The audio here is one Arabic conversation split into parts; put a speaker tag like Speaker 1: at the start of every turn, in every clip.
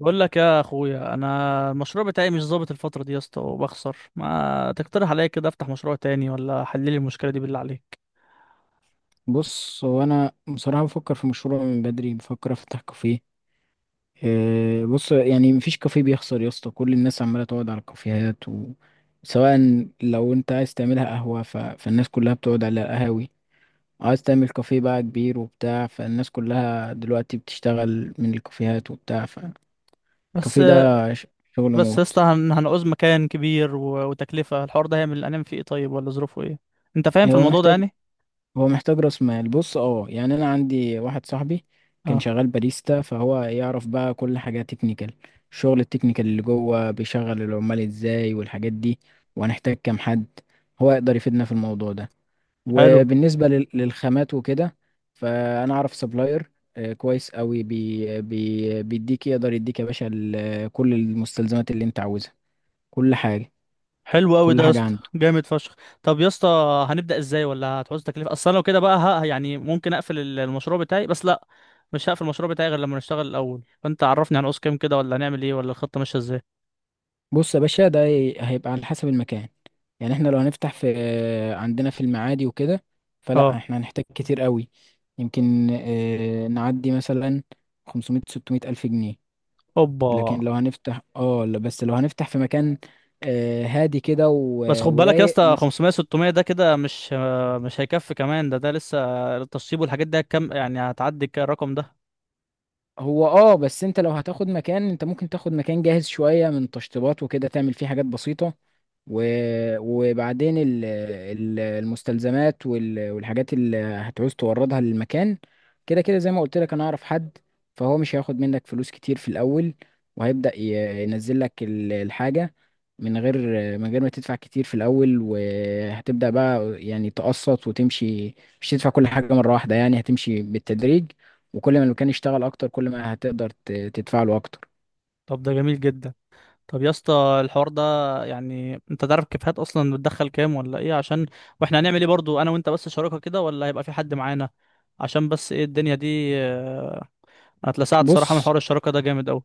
Speaker 1: بقول لك يا اخويا، انا المشروع بتاعي مش ظابط الفتره دي يا اسطى وبخسر. ما تقترح عليا كده افتح مشروع تاني ولا حل لي المشكله دي بالله عليك.
Speaker 2: بص، هو انا بصراحه بفكر في مشروع من بدري، بفكر افتح كافيه. إيه، بص يعني مفيش كافيه بيخسر يا اسطى. كل الناس عماله تقعد على الكافيهات سواء. لو انت عايز تعملها قهوه، فالناس كلها بتقعد على القهاوي. عايز تعمل كافيه بقى كبير وبتاع، فالناس كلها دلوقتي بتشتغل من الكافيهات وبتاع، فالكافيه
Speaker 1: بس
Speaker 2: ده ش- شغل
Speaker 1: بس يا
Speaker 2: موت.
Speaker 1: اسطى هن- هنعوز مكان كبير وتكلفه الحوار ده هيعمل انام فيه ايه طيب، ولا ظروفه ايه؟ انت فاهم في
Speaker 2: هو
Speaker 1: الموضوع ده
Speaker 2: محتاج
Speaker 1: يعني؟
Speaker 2: هو محتاج راس مال. بص، يعني انا عندي واحد صاحبي كان
Speaker 1: اه.
Speaker 2: شغال باريستا، فهو يعرف بقى كل حاجه تكنيكال. الشغل التكنيكال اللي جوه، بيشغل العمال ازاي والحاجات دي، وهنحتاج كام حد، هو يقدر يفيدنا في الموضوع ده.
Speaker 1: حلو.
Speaker 2: وبالنسبه للخامات وكده، فانا اعرف سبلاير كويس قوي بي بي بيديك. يقدر يديك يا باشا كل المستلزمات اللي انت عاوزها. كل حاجه
Speaker 1: حلو قوي
Speaker 2: كل
Speaker 1: ده يا
Speaker 2: حاجه
Speaker 1: اسطى،
Speaker 2: عنده.
Speaker 1: جامد فشخ. طب يا اسطى هنبدا ازاي، ولا هتعوز تكلفه؟ اصل انا لو كده بقى ها، يعني ممكن اقفل المشروع بتاعي. بس لا، مش هقفل المشروع بتاعي غير لما نشتغل الاول. فانت عرفني هنعوز كام كده، ولا هنعمل ايه، ولا الخطه ماشيه ازاي.
Speaker 2: بص يا باشا، ده هيبقى على حسب المكان. يعني احنا لو هنفتح في، عندنا في المعادي وكده، فلا
Speaker 1: اه.
Speaker 2: احنا هنحتاج كتير قوي. يمكن نعدي مثلا 500 600 ألف جنيه.
Speaker 1: اوبا.
Speaker 2: لكن لو هنفتح، اه لا، بس لو هنفتح في مكان اه، هادي كده
Speaker 1: بس خد بالك يا
Speaker 2: ورايق.
Speaker 1: اسطى، 500 600 ده كده مش مش هيكفي. كمان ده ده لسه التشطيب والحاجات دي هتكم، يعني هتعدي الرقم ده.
Speaker 2: هو بس انت لو هتاخد مكان، انت ممكن تاخد مكان جاهز شوية من تشطيبات وكده، تعمل فيه حاجات بسيطة. و... وبعدين المستلزمات والحاجات اللي هتعوز توردها للمكان، كده كده زي ما قلت لك انا اعرف حد. فهو مش هياخد منك فلوس كتير في الاول، وهيبدأ ينزل لك الحاجة. من غير من غير ما تدفع كتير في الاول، وهتبدأ بقى يعني تقسط وتمشي. مش تدفع كل حاجة مرة واحدة، يعني هتمشي بالتدريج. وكل ما المكان يشتغل اكتر، كل ما هتقدر تدفع له اكتر.
Speaker 1: طب ده جميل جدا. طب يا اسطى، الحوار ده يعني انت تعرف كيفيات اصلا؟ بتدخل كام ولا ايه؟ عشان واحنا هنعمل ايه برضو، انا وانت بس شراكه كده ولا هيبقى في حد معانا؟ عشان بس ايه الدنيا دي هتلسعت صراحه من
Speaker 2: بص،
Speaker 1: حوار الشراكه ده جامد قوي.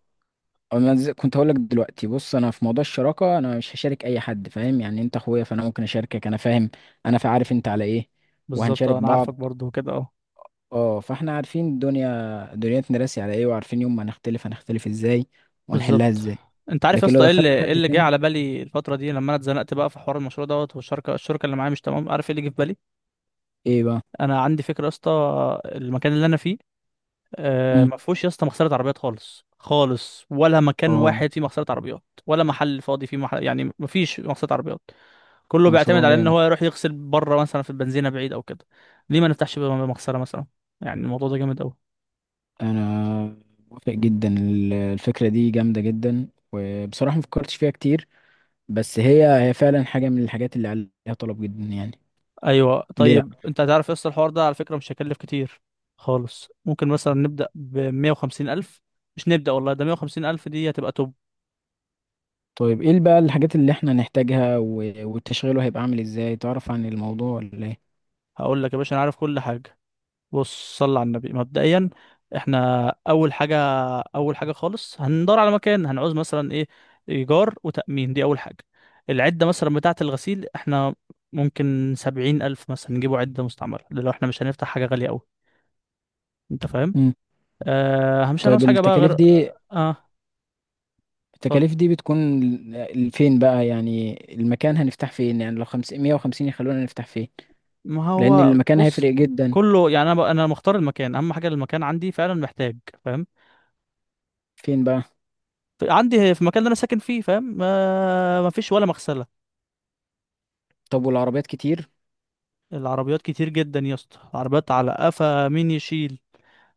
Speaker 2: أنا كنت هقول لك دلوقتي. بص، انا في موضوع الشراكه، انا مش هشارك اي حد، فاهم؟ يعني انت اخويا فانا ممكن اشاركك، انا فاهم. انا عارف انت على ايه،
Speaker 1: بالظبط
Speaker 2: وهنشارك
Speaker 1: انا
Speaker 2: بعض.
Speaker 1: عارفك برضو كده اهو.
Speaker 2: اه، فاحنا عارفين الدنيا دنيتنا راسي على ايه، وعارفين يوم ما نختلف هنختلف ازاي وهنحلها
Speaker 1: بالظبط.
Speaker 2: ازاي.
Speaker 1: انت عارف يا
Speaker 2: لكن لو
Speaker 1: اسطى ايه اللي
Speaker 2: دخلنا
Speaker 1: ايه
Speaker 2: حد
Speaker 1: اللي جه
Speaker 2: تاني،
Speaker 1: على بالي الفتره دي؟ لما انا اتزنقت بقى في حوار المشروع دوت، والشركه اللي معايا مش تمام. عارف ايه اللي جه في بالي؟
Speaker 2: ايه بقى؟
Speaker 1: انا عندي فكره يا اسطى. المكان اللي انا فيه، آه،
Speaker 2: مم.
Speaker 1: ما فيهوش يا اسطى مغسله عربيات خالص خالص، ولا مكان
Speaker 2: اه،
Speaker 1: واحد فيه مغسله عربيات، ولا محل فاضي فيه محل يعني، ما فيش مغسله عربيات. كله بيعتمد
Speaker 2: مشروع
Speaker 1: على ان
Speaker 2: جامد.
Speaker 1: هو يروح يغسل بره، مثلا في البنزينه بعيد او كده. ليه ما نفتحش بقى مغسله مثلا؟ يعني الموضوع ده جامد.
Speaker 2: انا موافق جدا، الفكره دي جامده جدا، وبصراحه ما فكرتش فيها كتير. بس هي هي فعلا حاجة من الحاجات اللي عليها طلب جدا يعني.
Speaker 1: ايوه.
Speaker 2: ليه لا.
Speaker 1: طيب انت هتعرف يس، الحوار ده على فكره مش هيكلف كتير خالص. ممكن مثلا نبدا ب 150 الف. مش نبدا والله، ده 150 الف دي هتبقى توب.
Speaker 2: طيب، ايه بقى الحاجات اللي احنا نحتاجها والتشغيله هيبقى عامل ازاي؟ تعرف عن الموضوع ولا ايه؟
Speaker 1: هقول لك يا باشا، انا عارف كل حاجه. بص صل على النبي. مبدئيا احنا اول حاجه، اول حاجه خالص هندور على مكان. هنعوز مثلا ايه؟ ايجار وتامين، دي اول حاجه. العده مثلا بتاعه الغسيل، احنا ممكن 70 الف مثلا نجيبوا عده مستعمله، ده لو احنا مش هنفتح حاجه غاليه قوي. انت فاهم؟
Speaker 2: مم.
Speaker 1: آه. مش هنعوز
Speaker 2: طيب،
Speaker 1: حاجه بقى غير
Speaker 2: التكاليف
Speaker 1: اه
Speaker 2: دي
Speaker 1: اتفضل.
Speaker 2: التكاليف دي بتكون فين بقى؟ يعني المكان هنفتح فين؟ يعني لو 550 يخلونا نفتح فين؟
Speaker 1: ما
Speaker 2: لان
Speaker 1: هو
Speaker 2: المكان
Speaker 1: بص
Speaker 2: هيفرق جدا.
Speaker 1: كله يعني. انا انا مختار المكان. اهم حاجه المكان، عندي فعلا محتاج. فاهم؟
Speaker 2: فين بقى؟
Speaker 1: عندي في المكان اللي انا ساكن فيه، فاهم؟ ما فيش ولا مغسله.
Speaker 2: طب والعربيات كتير؟
Speaker 1: العربيات كتير جدا يا اسطى، العربيات على قفا مين يشيل.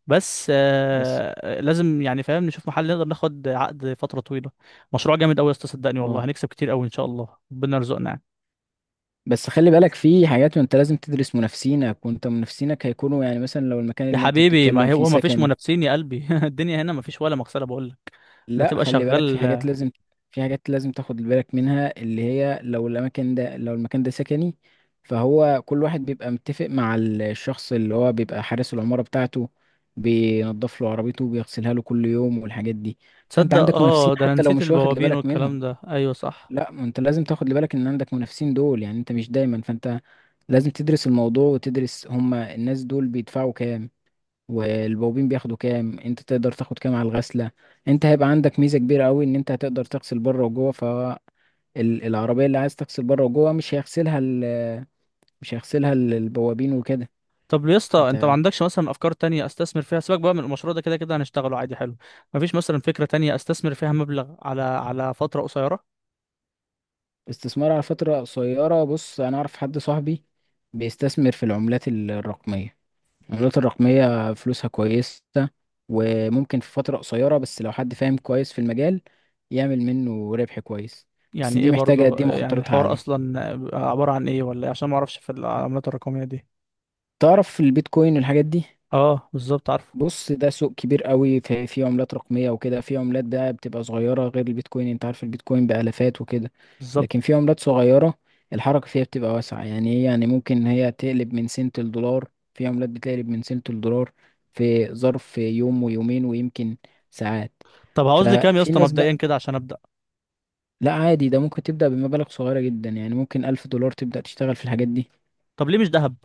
Speaker 1: بس
Speaker 2: بس
Speaker 1: آه لازم يعني، فاهم، نشوف محل نقدر ناخد عقد فتره طويله. مشروع جامد قوي يا اسطى، صدقني
Speaker 2: اه
Speaker 1: والله هنكسب كتير قوي ان شاء الله، ربنا يرزقنا يعني.
Speaker 2: بس خلي بالك، في حاجات وانت لازم تدرس منافسينك. وانت منافسينك هيكونوا يعني مثلا لو المكان
Speaker 1: يا
Speaker 2: اللي انت
Speaker 1: حبيبي
Speaker 2: بتتكلم
Speaker 1: ما
Speaker 2: فيه
Speaker 1: هو ما فيش
Speaker 2: سكني.
Speaker 1: منافسين يا قلبي الدنيا هنا ما فيش ولا مغسله بقول لك. انت
Speaker 2: لا،
Speaker 1: تبقى
Speaker 2: خلي بالك، في حاجات
Speaker 1: شغال.
Speaker 2: لازم. في حاجات لازم تاخد بالك منها، اللي هي لو الاماكن ده، لو المكان ده سكني، فهو كل واحد بيبقى متفق مع الشخص اللي هو بيبقى حارس العمارة بتاعته، بينضف له عربيته وبيغسلها له كل يوم والحاجات دي. فانت
Speaker 1: تصدق
Speaker 2: عندك منافسين
Speaker 1: اه، ده انا
Speaker 2: حتى لو
Speaker 1: نسيت
Speaker 2: مش واخد
Speaker 1: البوابين
Speaker 2: بالك
Speaker 1: والكلام
Speaker 2: منهم.
Speaker 1: ده، ايوه صح.
Speaker 2: لا، ما انت لازم تاخد بالك ان عندك منافسين دول، يعني انت مش دايما، فانت لازم تدرس الموضوع وتدرس هما الناس دول بيدفعوا كام، والبوابين بياخدوا كام، انت تقدر تاخد كام على الغسله. انت هيبقى عندك ميزه كبيره قوي، ان انت هتقدر تغسل بره وجوه. فالعربيه اللي عايز تغسل بره وجوه، مش هيغسلها مش هيغسلها البوابين وكده.
Speaker 1: طب يا اسطى، انت ما
Speaker 2: انت
Speaker 1: عندكش مثلا افكار تانية استثمر فيها؟ سيبك بقى من المشروع ده، كده كده هنشتغله عادي. حلو. مفيش مثلا فكرة تانية استثمر فيها مبلغ على فترة قصيرة؟
Speaker 2: استثمار على فتره قصيره، بص انا اعرف حد صاحبي بيستثمر في العملات الرقميه. العملات الرقميه فلوسها كويسه، وممكن في فتره قصيره، بس لو حد فاهم كويس في المجال، يعمل منه ربح كويس. بس
Speaker 1: يعني
Speaker 2: دي
Speaker 1: ايه
Speaker 2: محتاجه،
Speaker 1: برضو
Speaker 2: دي
Speaker 1: يعني
Speaker 2: مخاطرتها
Speaker 1: الحوار
Speaker 2: عاليه.
Speaker 1: اصلا عبارة عن ايه ولا إيه؟ عشان ما اعرفش في العملات الرقمية دي.
Speaker 2: تعرف في البيتكوين والحاجات دي؟
Speaker 1: اه بالظبط، عارف.
Speaker 2: بص، ده سوق كبير قوي، في عملات رقمية وكده، في عملات بقى بتبقى صغيرة غير البيتكوين. انت عارف البيتكوين بآلافات وكده.
Speaker 1: بالظبط.
Speaker 2: لكن في عملات صغيرة، الحركة فيها بتبقى واسعة. يعني هي يعني ممكن هي تقلب من سنت الدولار، في عملات بتقلب من سنت الدولار في ظرف يوم ويومين، ويمكن ساعات.
Speaker 1: طب هعوز لي كام يا
Speaker 2: ففي
Speaker 1: اسطى
Speaker 2: ناس
Speaker 1: مبدئيا
Speaker 2: بقى.
Speaker 1: كده عشان ابدا؟
Speaker 2: لا، عادي، ده ممكن تبدأ بمبالغ صغيرة جدا. يعني ممكن 1000 دولار تبدأ تشتغل في الحاجات دي.
Speaker 1: طب ليه مش ذهب؟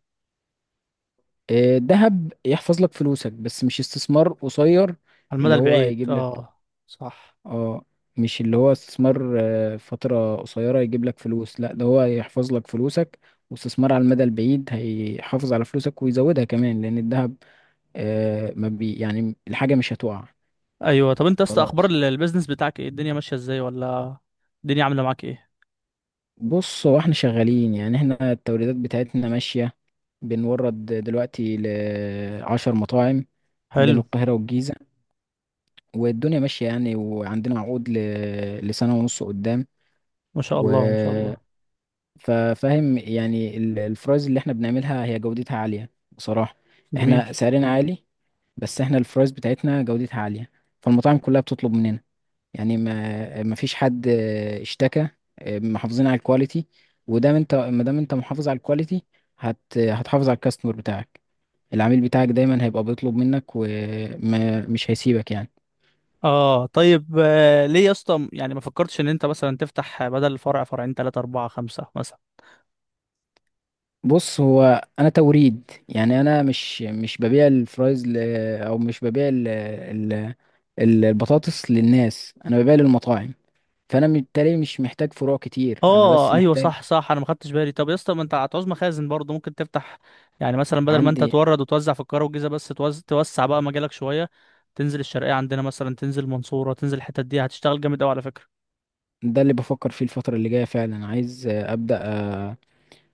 Speaker 2: الذهب يحفظ لك فلوسك، بس مش استثمار قصير
Speaker 1: على المدى
Speaker 2: اللي هو
Speaker 1: البعيد
Speaker 2: هيجيب لك.
Speaker 1: اه. صح.
Speaker 2: اه، مش اللي هو استثمار فترة قصيرة يجيب لك فلوس. لا، ده هو يحفظ لك فلوسك، واستثمار على المدى البعيد هيحافظ على فلوسك ويزودها كمان، لأن الذهب ما بي يعني الحاجة مش هتقع.
Speaker 1: ايوه طب انت يا اسطى، اخبار
Speaker 2: خلاص.
Speaker 1: البيزنس بتاعك ايه؟ الدنيا ماشية ازاي ولا؟ الدنيا عاملة معاك ايه؟
Speaker 2: بص، هو احنا شغالين يعني، احنا التوريدات بتاعتنا ماشية. بنورد دلوقتي لـ10 مطاعم بين
Speaker 1: حلو.
Speaker 2: القاهرة والجيزة. والدنيا ماشية يعني، وعندنا عقود لسنة ونص قدام.
Speaker 1: ما شاء
Speaker 2: و
Speaker 1: الله ما شاء الله.
Speaker 2: ففاهم يعني الفرايز اللي احنا بنعملها هي جودتها عالية بصراحة.
Speaker 1: جميل.
Speaker 2: احنا سعرنا عالي، بس احنا الفرايز بتاعتنا جودتها عالية، فالمطاعم كلها بتطلب مننا. يعني ما فيش حد اشتكى. اه، محافظين على الكواليتي. ودام انت، ما دام انت محافظ على الكواليتي، هتحافظ على الكاستمر بتاعك. العميل بتاعك دايما هيبقى بيطلب منك، ومش هيسيبك يعني.
Speaker 1: اه طيب آه، ليه يا اسطى يعني ما فكرتش ان انت مثلا تفتح بدل فرع، فرعين ثلاثة أربعة خمسة مثلا؟
Speaker 2: بص، هو انا توريد يعني، انا مش ببيع الفرايز او مش ببيع البطاطس للناس. انا ببيع للمطاعم، فانا بالتالي مش محتاج فروع كتير، انا بس
Speaker 1: اه ايوه
Speaker 2: محتاج.
Speaker 1: صح صح، انا ما خدتش بالي. طب يا اسطى، ما انت هتعوز مخازن برضه، ممكن تفتح يعني. مثلا بدل ما انت
Speaker 2: عندي،
Speaker 1: تورد وتوزع في القاهرة والجيزة بس، توسع بقى مجالك شوية. تنزل الشرقية عندنا مثلا، تنزل المنصورة، تنزل الحتت دي، هتشتغل جامد قوي على فكرة.
Speaker 2: ده اللي بفكر فيه الفترة اللي جاية، فعلا عايز ابدا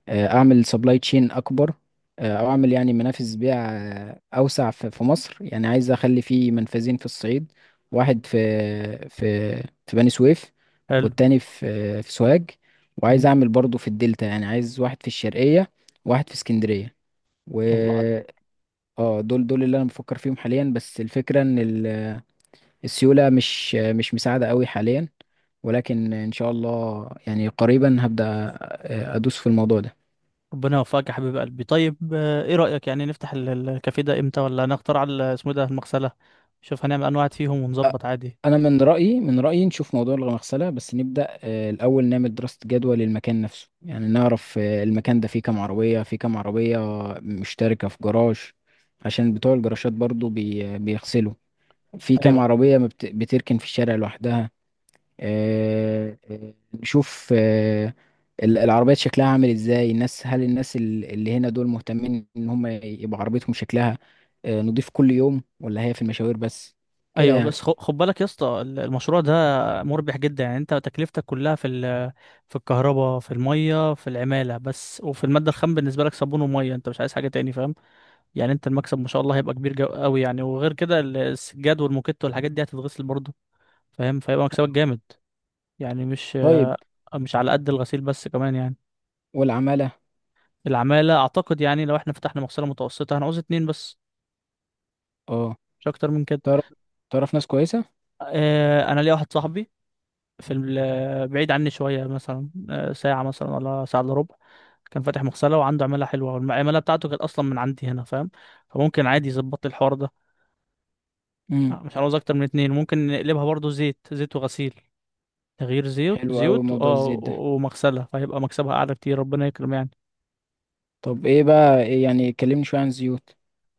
Speaker 2: اعمل سبلاي تشين اكبر. او اعمل يعني منافذ بيع اوسع في مصر. يعني عايز اخلي فيه منفذين في الصعيد، واحد في في بني سويف،
Speaker 1: حلو.
Speaker 2: والتاني في سوهاج. وعايز
Speaker 1: جميل.
Speaker 2: اعمل برضو في الدلتا، يعني عايز واحد في الشرقية، واحد في اسكندرية، و
Speaker 1: الله عليك.
Speaker 2: اه دول اللي انا بفكر فيهم حاليا. بس الفكرة ان السيولة مش مساعدة قوي حاليا، ولكن ان شاء الله يعني قريبا هبدأ ادوس في الموضوع ده.
Speaker 1: ربنا يوفقك يا حبيب قلبي. طيب ايه رأيك يعني نفتح الكافيه ده امتى، ولا نختار على اسمه إيه ده، المغسلة؟ نشوف هنعمل انواع فيهم ونظبط عادي.
Speaker 2: انا من رايي نشوف موضوع المغسله، بس نبدا الاول نعمل دراسه جدوى للمكان نفسه. يعني نعرف المكان ده فيه كام عربيه مشتركه في جراج، عشان بتوع الجراشات برضو بيغسلوا. في كام
Speaker 1: ايوه.
Speaker 2: عربيه ما بتركن في الشارع لوحدها. نشوف العربيات شكلها عامل ازاي. الناس، هل الناس اللي هنا دول مهتمين ان هم يبقى عربيتهم شكلها نضيف كل يوم، ولا هي في المشاوير بس كده
Speaker 1: ايوه
Speaker 2: يعني؟
Speaker 1: بس خد بالك يا اسطى، المشروع ده مربح جدا. يعني انت تكلفتك كلها في في الكهرباء، في المية، في العمالة بس، وفي المادة الخام بالنسبة لك صابون ومية، انت مش عايز حاجة تاني، فاهم؟ يعني انت المكسب ما شاء الله هيبقى كبير قوي يعني. وغير كده السجاد والموكيت والحاجات دي هتتغسل برضه، فاهم؟ فيبقى مكسبك جامد، يعني مش
Speaker 2: طيب
Speaker 1: مش على قد الغسيل بس كمان يعني.
Speaker 2: والعمالة،
Speaker 1: العمالة أعتقد يعني لو احنا فتحنا مغسلة متوسطة هنعوز اتنين بس،
Speaker 2: اه،
Speaker 1: مش أكتر من كده.
Speaker 2: تعرف تعرف ناس كويسة؟
Speaker 1: أنا ليا واحد صاحبي في بعيد عني شوية مثلا، ساعة مثلا ولا ساعة إلا ربع، كان فاتح مغسلة وعنده عمالة حلوة، والعمالة بتاعته كانت أصلا من عندي هنا، فاهم؟ فممكن عادي يظبط لي الحوار ده.
Speaker 2: امم
Speaker 1: مش هنعوز أكتر من اتنين. ممكن نقلبها برضو زيت زيت وغسيل، تغيير زيوت،
Speaker 2: حلو قوي موضوع الزيت ده.
Speaker 1: ومغسلة، فهيبقى مكسبها أعلى كتير، ربنا يكرم يعني.
Speaker 2: طب، ايه بقى، إيه يعني، كلمني شوية عن الزيوت.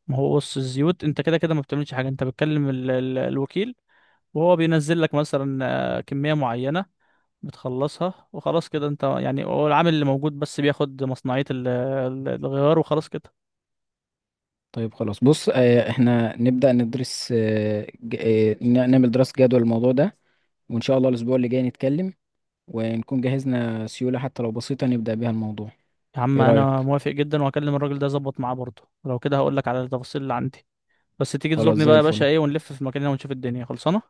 Speaker 1: ما هو بص الزيوت انت كده كده ما بتعملش حاجة، انت بتكلم الوكيل، وهو بينزل لك مثلا كمية معينة، بتخلصها وخلاص كده. انت يعني هو العامل اللي موجود بس بياخد مصنعية الغيار وخلاص كده.
Speaker 2: طيب خلاص، بص احنا نبدأ ندرس، نعمل دراسة جدوى للموضوع ده، وان شاء الله الاسبوع اللي جاي نتكلم، ونكون جهزنا سيولة حتى لو بسيطة نبدأ بيها الموضوع.
Speaker 1: يا عم
Speaker 2: ايه
Speaker 1: انا
Speaker 2: رأيك؟
Speaker 1: موافق جدا، وهكلم الراجل ده اظبط معاه برضه، ولو كده هقول لك على التفاصيل اللي عندي. بس تيجي
Speaker 2: خلاص،
Speaker 1: تزورني
Speaker 2: زي
Speaker 1: بقى يا باشا
Speaker 2: الفل.
Speaker 1: ايه، ونلف في مكاننا ونشوف الدنيا خلصانة.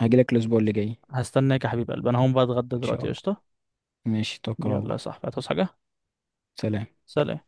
Speaker 2: هجيلك الاسبوع اللي جاي
Speaker 1: هستناك يا حبيب قلبي. انا هقوم بقى اتغدى
Speaker 2: ان شاء
Speaker 1: دلوقتي،
Speaker 2: الله.
Speaker 1: قشطة.
Speaker 2: ماشي، توكل على
Speaker 1: يلا يا
Speaker 2: الله.
Speaker 1: صاحبي، هتعوز حاجة؟
Speaker 2: سلام.
Speaker 1: سلام.